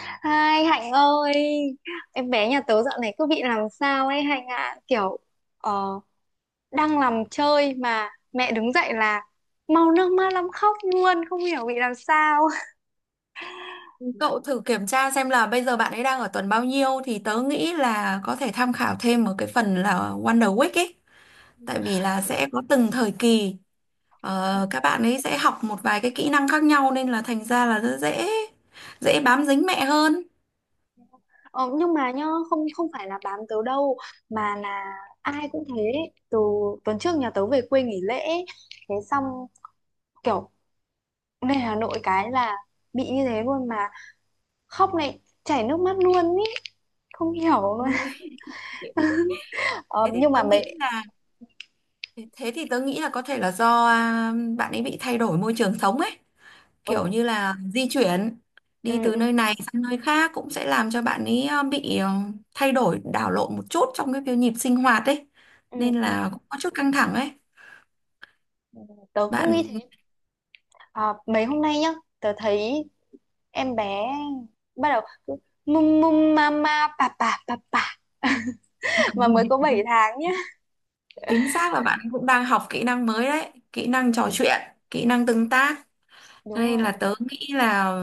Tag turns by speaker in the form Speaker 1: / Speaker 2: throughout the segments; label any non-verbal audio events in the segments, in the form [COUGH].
Speaker 1: Hai Hạnh ơi, em bé nhà tớ dạo này cứ bị làm sao ấy Hạnh ạ, kiểu ờ, đang làm chơi mà mẹ đứng dậy là mau nước mắt lắm, khóc luôn, không hiểu bị làm sao.
Speaker 2: Cậu thử kiểm tra xem là bây giờ bạn ấy đang ở tuần bao nhiêu thì tớ nghĩ là có thể tham khảo thêm ở cái phần là Wonder Week ấy. Tại vì là sẽ có từng thời kỳ các bạn ấy sẽ học một vài cái kỹ năng khác nhau nên là thành ra là rất dễ dễ bám dính mẹ hơn.
Speaker 1: Ờ, nhưng mà nhá, không, không phải là bám tớ đâu, mà là ai cũng thế. Từ tuần trước nhà tớ về quê nghỉ lễ ấy, thế xong kiểu lên Hà Nội cái là bị như thế luôn, mà khóc này, chảy nước mắt luôn ý, không hiểu luôn.
Speaker 2: Ôi.
Speaker 1: Ờ,
Speaker 2: Thế thì
Speaker 1: nhưng mà
Speaker 2: tớ nghĩ
Speaker 1: mẹ.
Speaker 2: là thế thì tớ nghĩ là có thể là do bạn ấy bị thay đổi môi trường sống ấy.
Speaker 1: Ừ,
Speaker 2: Kiểu như là di chuyển
Speaker 1: ừ,
Speaker 2: đi từ
Speaker 1: ừ.
Speaker 2: nơi này sang nơi khác cũng sẽ làm cho bạn ấy bị thay đổi đảo lộn một chút trong cái việc nhịp sinh hoạt ấy
Speaker 1: Ừ,
Speaker 2: nên
Speaker 1: ừ,
Speaker 2: là cũng có chút căng thẳng ấy.
Speaker 1: ừ, tớ cũng nghĩ
Speaker 2: bạn
Speaker 1: thế. À, mấy hôm nay nhá, tớ thấy em bé bắt đầu cứ mum mum mama bà [LAUGHS] mà mới có 7
Speaker 2: [LAUGHS]
Speaker 1: tháng nhá.
Speaker 2: Chính xác là bạn cũng đang học kỹ năng mới đấy, kỹ năng trò chuyện, kỹ năng tương tác.
Speaker 1: Đúng
Speaker 2: Hay
Speaker 1: rồi,
Speaker 2: là
Speaker 1: đúng rồi.
Speaker 2: tớ nghĩ là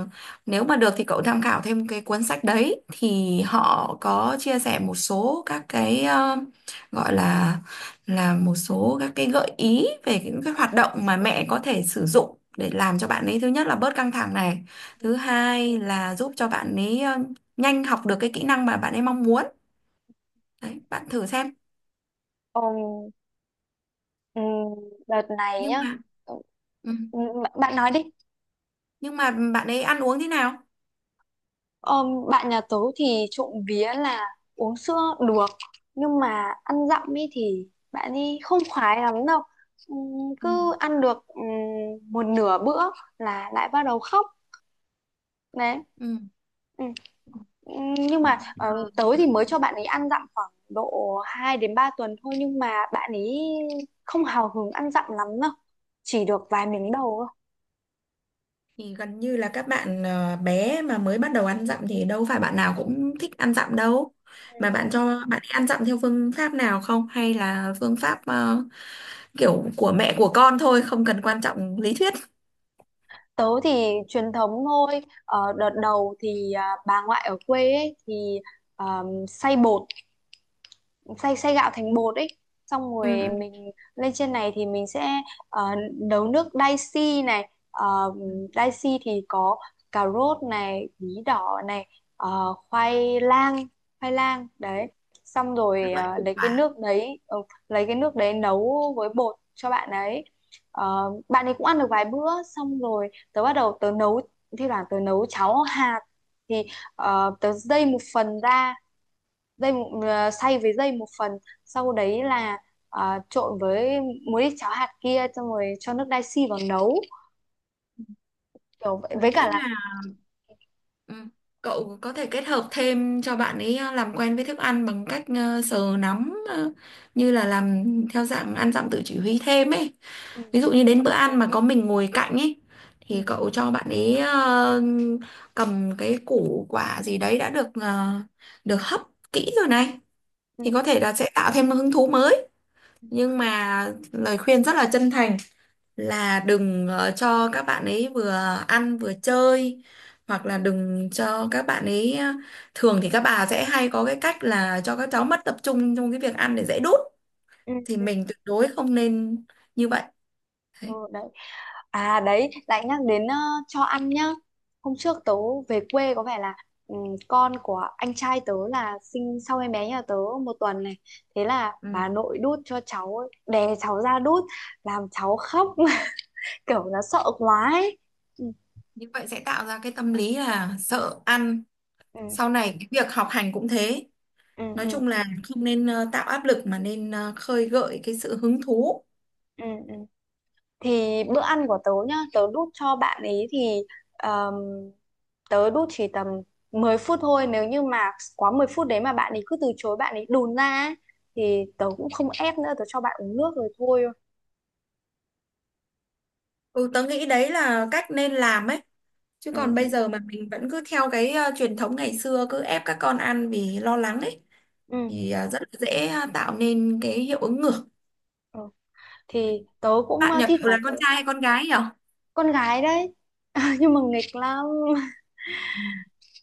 Speaker 2: nếu mà được thì cậu tham khảo thêm cái cuốn sách đấy thì họ có chia sẻ một số các cái gọi là một số các cái gợi ý về những cái hoạt động mà mẹ có thể sử dụng để làm cho bạn ấy thứ nhất là bớt căng thẳng này,
Speaker 1: Ừ, ừ.
Speaker 2: thứ hai là giúp cho bạn ấy nhanh học được cái kỹ năng mà bạn ấy mong muốn. Đấy, bạn thử xem.
Speaker 1: Ờm, ừm, đợt này
Speaker 2: Nhưng
Speaker 1: nhá.
Speaker 2: mà ừ,
Speaker 1: Ừ, bạn bạn nói đi.
Speaker 2: nhưng mà bạn ấy ăn uống thế nào?
Speaker 1: Bạn nhà tớ thì trộm vía là uống sữa được, nhưng mà ăn dặm ấy thì bạn ấy không khoái lắm đâu.
Speaker 2: Ừ.
Speaker 1: Cứ ăn được một nửa bữa là lại bắt đầu khóc. Đấy. Ừ. Ừ, nhưng mà tớ
Speaker 2: Ừ.
Speaker 1: thì mới cho bạn ấy ăn dặm khoảng độ 2 đến 3 tuần thôi, nhưng mà bạn ấy không hào hứng ăn dặm lắm đâu. Chỉ được vài miếng đầu thôi.
Speaker 2: Thì gần như là các bạn bé mà mới bắt đầu ăn dặm thì đâu phải bạn nào cũng thích ăn dặm đâu.
Speaker 1: Ừ,
Speaker 2: Mà
Speaker 1: ừ.
Speaker 2: bạn cho bạn ấy ăn dặm theo phương pháp nào không? Hay là phương pháp kiểu của mẹ của con thôi, không cần quan trọng lý thuyết.
Speaker 1: Tớ thì truyền thống thôi. Ờ, đợt đầu thì bà ngoại ở quê ấy, thì xay bột, xay xay gạo thành bột ấy, xong
Speaker 2: Ừ,
Speaker 1: rồi
Speaker 2: ừ,
Speaker 1: mình lên trên này thì mình sẽ ờ, nấu nước dashi này. uh,
Speaker 2: ừ.
Speaker 1: dashi thì có cà rốt này, bí đỏ này, khoai lang, khoai lang đấy. Xong rồi
Speaker 2: Các loại củ quả.
Speaker 1: lấy cái nước đấy nấu với bột cho bạn ấy. Ờ, bạn ấy cũng ăn được vài bữa, xong rồi tớ bắt đầu tớ nấu thi thoảng tớ nấu cháo hạt, thì tớ dây một phần ra, dây xay với dây một phần, sau đấy là trộn với muối cháo hạt kia, xong rồi cho nước dashi vào nấu, kiểu vậy,
Speaker 2: Tớ
Speaker 1: với cả
Speaker 2: nghĩ.
Speaker 1: là
Speaker 2: Ừ. Cậu có thể kết hợp thêm cho bạn ấy làm quen với thức ăn bằng cách sờ nắm như là làm theo dạng ăn dặm tự chỉ huy thêm ấy.
Speaker 1: ừ,
Speaker 2: Ví dụ như đến bữa ăn mà có mình ngồi cạnh ấy
Speaker 1: ừ,
Speaker 2: thì cậu cho bạn ấy cầm cái củ quả gì đấy đã được hấp kỹ rồi này
Speaker 1: ừ,
Speaker 2: thì có
Speaker 1: ừ,
Speaker 2: thể là sẽ tạo thêm hứng thú mới. Nhưng mà lời khuyên rất là chân thành là đừng cho các bạn ấy vừa ăn vừa chơi hoặc là đừng cho các bạn ấy thường thì các bà sẽ hay có cái cách là cho các cháu mất tập trung trong cái việc ăn để dễ đút
Speaker 1: ừ,
Speaker 2: thì
Speaker 1: ừ,
Speaker 2: mình tuyệt đối không nên như vậy.
Speaker 1: ừ,
Speaker 2: Đấy.
Speaker 1: đấy. À, đấy, lại nhắc đến cho ăn nhá. Hôm trước tớ về quê có vẻ là ừ, con của anh trai tớ là sinh sau em bé nhà tớ một tuần này, thế là
Speaker 2: Ừ.
Speaker 1: bà nội đút cho cháu ấy, đè cháu ra đút làm cháu khóc [LAUGHS] kiểu nó sợ quá ấy. Ừ,
Speaker 2: Như vậy sẽ tạo ra cái tâm lý là sợ ăn,
Speaker 1: ừ,
Speaker 2: sau này cái việc học hành cũng thế,
Speaker 1: ừ,
Speaker 2: nói
Speaker 1: ừ.
Speaker 2: chung là không nên tạo áp lực mà nên khơi gợi cái sự hứng thú.
Speaker 1: Ừ, ừ. Thì bữa ăn của tớ nhá, tớ đút cho bạn ấy thì um, tớ đút chỉ tầm 10 phút thôi, nếu như mà quá 10 phút đấy mà bạn ấy cứ từ chối, bạn ấy đùn ra ấy, thì tớ cũng không ép nữa, tớ cho bạn uống nước rồi thôi.
Speaker 2: Ừ, tớ nghĩ đấy là cách nên làm ấy. Chứ
Speaker 1: Ừ,
Speaker 2: còn bây
Speaker 1: ừ,
Speaker 2: giờ mà mình vẫn cứ theo cái truyền thống ngày xưa cứ ép các con ăn vì lo lắng ấy
Speaker 1: ừ.
Speaker 2: thì rất là dễ tạo nên cái hiệu ứng ngược.
Speaker 1: Ừ. Thì tớ cũng
Speaker 2: Bạn nhà
Speaker 1: thi
Speaker 2: cậu là
Speaker 1: thoảng tớ.
Speaker 2: con trai hay con gái nhỉ?
Speaker 1: Con gái đấy, [LAUGHS] nhưng mà nghịch lắm, [LAUGHS]
Speaker 2: Ừ.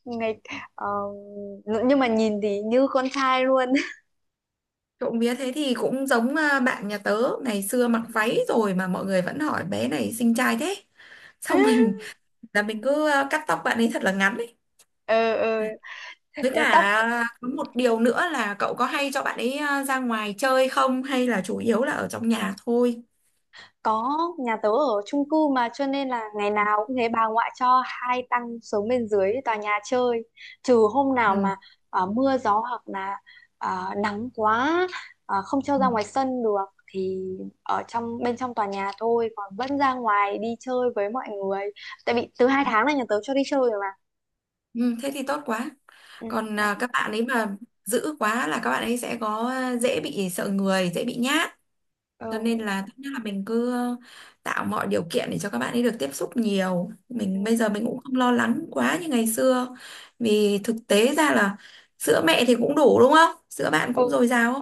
Speaker 1: nghịch ờ, nhưng mà nhìn thì như con trai luôn.
Speaker 2: Trộm vía thế thì cũng giống bạn nhà tớ ngày xưa mặc váy rồi mà mọi người vẫn hỏi bé này xinh trai thế. Xong
Speaker 1: [LAUGHS]
Speaker 2: mình cứ cắt tóc bạn ấy thật là ngắn ấy.
Speaker 1: Ừ,
Speaker 2: Với
Speaker 1: ừ. Tóc.
Speaker 2: cả có một điều nữa là cậu có hay cho bạn ấy ra ngoài chơi không hay là chủ yếu là ở trong nhà thôi?
Speaker 1: Có, nhà tớ ở chung cư mà, cho nên là ngày nào cũng thế, bà ngoại cho hai tăng xuống bên dưới tòa nhà chơi, trừ hôm nào
Speaker 2: Ừ.
Speaker 1: mà mưa gió, hoặc là nắng quá, không cho
Speaker 2: Ừ,
Speaker 1: ra ngoài sân được, thì ở trong, bên trong tòa nhà thôi, còn vẫn ra ngoài đi chơi với mọi người, tại vì từ 2 tháng là nhà tớ cho đi chơi rồi mà.
Speaker 2: ừ, thế thì tốt quá.
Speaker 1: Ừ,
Speaker 2: Còn
Speaker 1: đấy.
Speaker 2: các bạn ấy mà giữ quá là các bạn ấy sẽ có dễ bị sợ người, dễ bị nhát. Cho nên
Speaker 1: Ừ,
Speaker 2: là tốt nhất là mình cứ tạo mọi điều kiện để cho các bạn ấy được tiếp xúc nhiều.
Speaker 1: ừ.
Speaker 2: Mình bây giờ mình cũng không lo lắng quá như ngày xưa. Vì thực tế ra là sữa mẹ thì cũng đủ đúng không? Sữa bạn cũng
Speaker 1: Ừ.
Speaker 2: dồi dào không?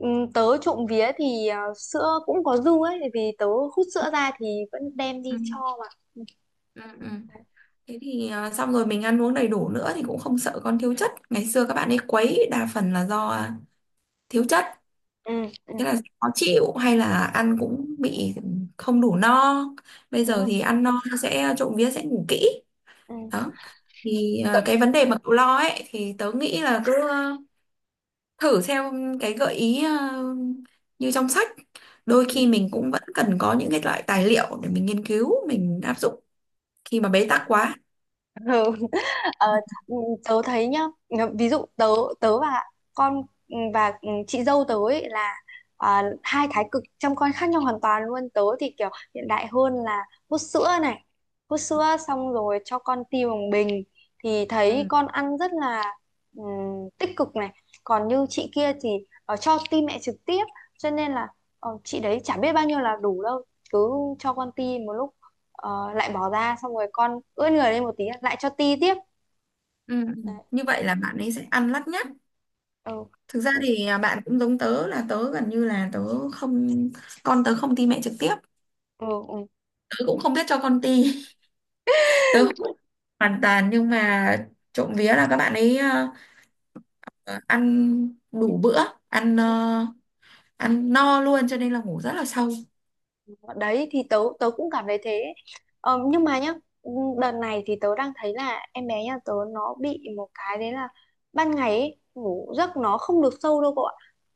Speaker 1: Ừ, tớ trộm vía thì sữa cũng có dư ấy, vì tớ hút sữa ra thì vẫn đem
Speaker 2: Ừ.
Speaker 1: đi cho mà.
Speaker 2: Ừ. Ừ. Thế thì xong rồi mình ăn uống đầy đủ nữa thì cũng không sợ con thiếu chất. Ngày xưa các bạn ấy quấy đa phần là do thiếu chất,
Speaker 1: Ừ, ừ.
Speaker 2: thế là khó chịu hay là ăn cũng bị không đủ no. Bây
Speaker 1: Đúng
Speaker 2: giờ
Speaker 1: rồi.
Speaker 2: thì ăn no sẽ trộm vía sẽ ngủ kỹ.
Speaker 1: Ừ.
Speaker 2: Đó. Thì
Speaker 1: Tự,
Speaker 2: cái vấn đề mà cậu lo ấy thì tớ nghĩ là cứ thử theo cái gợi ý như trong sách. Đôi
Speaker 1: ừ.
Speaker 2: khi mình cũng vẫn cần có những cái loại tài liệu để mình nghiên cứu, mình áp dụng khi mà bế
Speaker 1: Ừ.
Speaker 2: tắc quá.
Speaker 1: Ừ. [LAUGHS] Ờ, ừ, tớ thấy nhá, ví dụ tớ tớ và con và chị dâu tớ ấy là hai thái cực chăm con khác nhau hoàn toàn luôn. Tớ thì kiểu hiện đại hơn là hút sữa này, hút sữa xong rồi cho con ti bằng bình, thì thấy
Speaker 2: Ừ.
Speaker 1: con ăn rất là tích cực này. Còn như chị kia thì cho ti mẹ trực tiếp, cho nên là chị đấy chả biết bao nhiêu là đủ đâu, cứ cho con ti một lúc, lại bỏ ra, xong rồi con ướt người lên một tí lại cho ti tiếp.
Speaker 2: Ừ. Ừ.
Speaker 1: Đấy.
Speaker 2: Như vậy
Speaker 1: Ừ.
Speaker 2: là bạn ấy sẽ ăn lắt nhắt.
Speaker 1: Ừ.
Speaker 2: Thực ra thì bạn cũng giống tớ là tớ gần như là tớ không con tớ không ti mẹ trực tiếp.
Speaker 1: Ừ. Ừ.
Speaker 2: Tớ cũng không biết cho con ti. [LAUGHS] Tớ không biết hoàn toàn nhưng mà trộm vía là các bạn ấy ăn đủ bữa, ăn
Speaker 1: Ừ.
Speaker 2: ờ, ăn no luôn cho nên là ngủ rất là sâu.
Speaker 1: Đấy thì tớ tớ cũng cảm thấy thế. Ờ, nhưng mà nhá, đợt này thì tớ đang thấy là em bé nhà tớ nó bị một cái đấy là ban ngày ấy, ngủ giấc nó không được sâu đâu cậu ạ.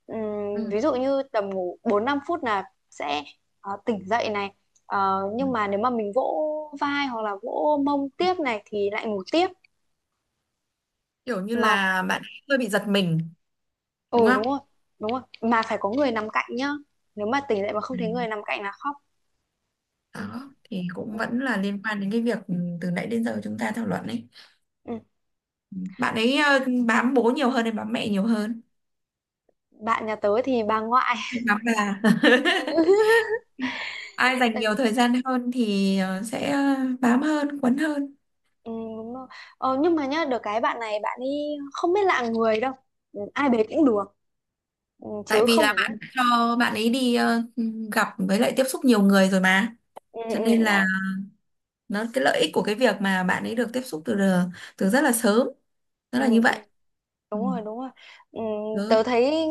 Speaker 2: Ừ.
Speaker 1: Ví dụ như tầm ngủ 4 5 phút là sẽ tỉnh dậy này. Ờ,
Speaker 2: Ừ.
Speaker 1: nhưng mà nếu mà mình vỗ vai hoặc là vỗ mông tiếp này thì lại ngủ tiếp
Speaker 2: Kiểu như
Speaker 1: mà.
Speaker 2: là bạn ấy hơi bị giật mình
Speaker 1: Ừ,
Speaker 2: đúng
Speaker 1: đúng
Speaker 2: không?
Speaker 1: rồi, đúng rồi. Mà phải có người nằm cạnh nhá. Nếu mà tỉnh dậy mà không
Speaker 2: Ừ.
Speaker 1: thấy người nằm cạnh là khóc. Ừ,
Speaker 2: Đó thì cũng
Speaker 1: ừ,
Speaker 2: vẫn là liên quan đến cái việc từ nãy đến giờ chúng ta thảo luận ấy.
Speaker 1: ừ.
Speaker 2: Bạn ấy bám bố nhiều hơn hay bám mẹ nhiều hơn?
Speaker 1: Bạn nhà tớ thì bà ngoại.
Speaker 2: Đó là
Speaker 1: [LAUGHS]
Speaker 2: [LAUGHS]
Speaker 1: Ừ,
Speaker 2: ai dành
Speaker 1: tại-
Speaker 2: nhiều thời gian hơn thì sẽ bám hơn, quấn hơn.
Speaker 1: ừ, đúng rồi. Ờ, nhưng mà nhá, được cái bạn này bạn ấy không biết lạ người đâu. Ừ, ai bế cũng được. Ừ,
Speaker 2: Tại
Speaker 1: chứ
Speaker 2: vì
Speaker 1: không
Speaker 2: là
Speaker 1: phải
Speaker 2: bạn
Speaker 1: nhất.
Speaker 2: đã cho bạn ấy đi gặp với lại tiếp xúc nhiều người rồi mà.
Speaker 1: Ừ,
Speaker 2: Cho
Speaker 1: ừ,
Speaker 2: nên là
Speaker 1: đấy.
Speaker 2: nó cái lợi ích của cái việc mà bạn ấy được tiếp xúc từ từ rất là sớm, nó
Speaker 1: Ừ,
Speaker 2: là như
Speaker 1: ừ.
Speaker 2: vậy.
Speaker 1: Đúng
Speaker 2: Ừ.
Speaker 1: rồi, đúng rồi. Ừm,
Speaker 2: Được.
Speaker 1: tớ thấy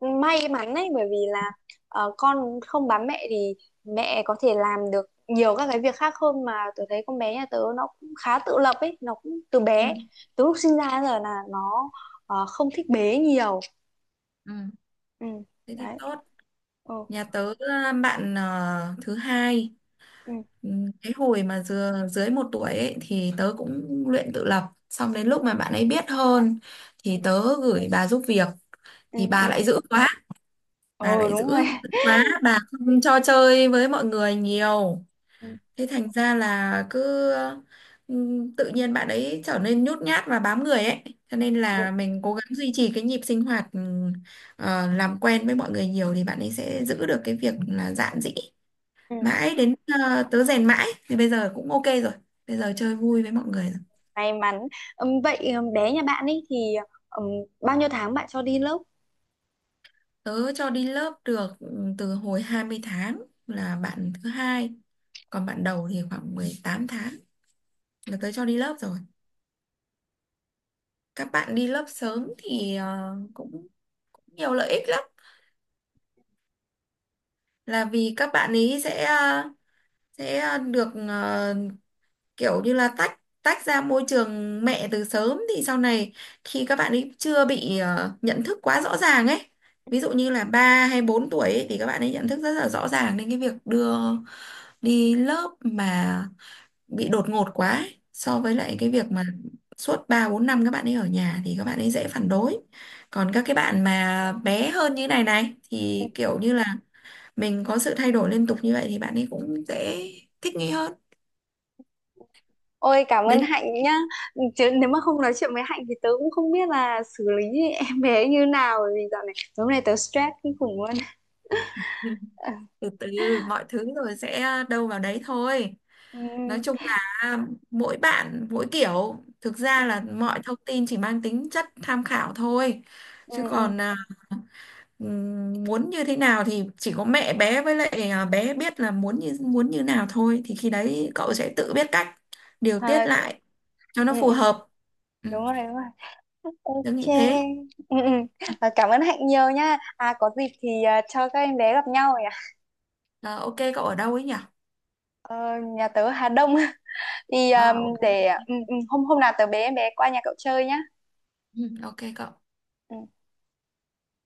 Speaker 1: may mắn ấy, bởi vì là con không bám mẹ thì mẹ có thể làm được nhiều các cái việc khác hơn. Mà tớ thấy con bé nhà tớ nó cũng khá tự lập ấy, nó cũng từ bé,
Speaker 2: Ừ.
Speaker 1: từ lúc sinh ra đến giờ là nó không thích bế nhiều.
Speaker 2: Ừ.
Speaker 1: Ừ,
Speaker 2: Thế thì
Speaker 1: đấy.
Speaker 2: tốt.
Speaker 1: Ừ,
Speaker 2: Nhà tớ bạn thứ hai.
Speaker 1: ừ,
Speaker 2: Ừ, cái hồi mà dưới 1 tuổi ấy, thì tớ cũng luyện tự lập xong đến lúc mà bạn ấy biết hơn
Speaker 1: ừ,
Speaker 2: thì tớ gửi bà giúp việc
Speaker 1: ừ,
Speaker 2: thì
Speaker 1: ừ.
Speaker 2: bà lại dữ quá bà
Speaker 1: Ừ,
Speaker 2: lại
Speaker 1: đúng rồi.
Speaker 2: dữ quá bà không cho chơi với mọi người nhiều,
Speaker 1: Ừ,
Speaker 2: thế thành ra là cứ ừ, tự nhiên bạn ấy trở nên nhút nhát và bám người ấy, cho nên là
Speaker 1: đúng.
Speaker 2: mình cố gắng duy trì cái nhịp sinh hoạt, làm quen với mọi người nhiều thì bạn ấy sẽ giữ được cái việc là dạn dĩ
Speaker 1: Ừ.
Speaker 2: mãi đến tớ rèn mãi thì bây giờ cũng ok rồi, bây giờ chơi vui với mọi người rồi.
Speaker 1: May mắn. Vậy bé nhà bạn ấy thì ừm, bao nhiêu tháng bạn cho đi lớp?
Speaker 2: Tớ cho đi lớp được từ hồi 20 tháng là bạn thứ hai, còn bạn đầu thì khoảng 18 tháng là tớ cho đi lớp rồi. Các bạn đi lớp sớm thì cũng nhiều lợi ích lắm, là vì các bạn ấy sẽ được kiểu như là tách tách ra môi trường mẹ từ sớm thì sau này khi các bạn ấy chưa bị nhận thức quá rõ ràng ấy, ví dụ như là 3 hay 4 tuổi ấy, thì các bạn ấy nhận thức rất là rõ ràng nên cái việc đưa đi lớp mà bị đột ngột quá ấy, so với lại cái việc mà suốt 3 4 năm các bạn ấy ở nhà thì các bạn ấy dễ phản đối. Còn các cái
Speaker 1: Ừ.
Speaker 2: bạn mà bé hơn như này này thì kiểu như là mình có sự thay đổi liên tục như vậy thì bạn ấy cũng dễ thích nghi hơn.
Speaker 1: Ôi, cảm ơn
Speaker 2: Đến
Speaker 1: Hạnh nhá. Chứ nếu mà không nói chuyện với Hạnh thì tớ cũng không biết là xử lý [LAUGHS] em bé như nào. Bởi vì dạo này, tối hôm nay tớ stress kinh khủng luôn. Ờ,
Speaker 2: Từ từ mọi thứ rồi sẽ đâu vào đấy thôi,
Speaker 1: ừ,
Speaker 2: nói chung là mỗi bạn mỗi kiểu, thực
Speaker 1: ừ,
Speaker 2: ra là mọi thông tin chỉ mang tính chất tham khảo thôi,
Speaker 1: ừ,
Speaker 2: chứ
Speaker 1: ừ.
Speaker 2: còn muốn như thế nào thì chỉ có mẹ bé với lại bé biết là muốn như nào thôi thì khi đấy cậu sẽ tự biết cách điều
Speaker 1: À,
Speaker 2: tiết
Speaker 1: đúng,
Speaker 2: lại cho nó
Speaker 1: ừ,
Speaker 2: phù
Speaker 1: ừ.
Speaker 2: hợp. Ừ,
Speaker 1: Đúng rồi, đúng rồi. Ok,
Speaker 2: tớ nghĩ thế.
Speaker 1: ừ, ừ. À, cảm ơn Hạnh nhiều nhá. À, có dịp thì cho các em bé gặp nhau nhỉ.
Speaker 2: Ờ, ok cậu ở đâu ấy nhỉ?
Speaker 1: Ờ, nhà tớ Hà Đông. [LAUGHS] Thì
Speaker 2: À, ok.
Speaker 1: để hôm hôm nào tớ bế em bé qua nhà cậu chơi nhá.
Speaker 2: Ừ, ok cậu.
Speaker 1: Ừ.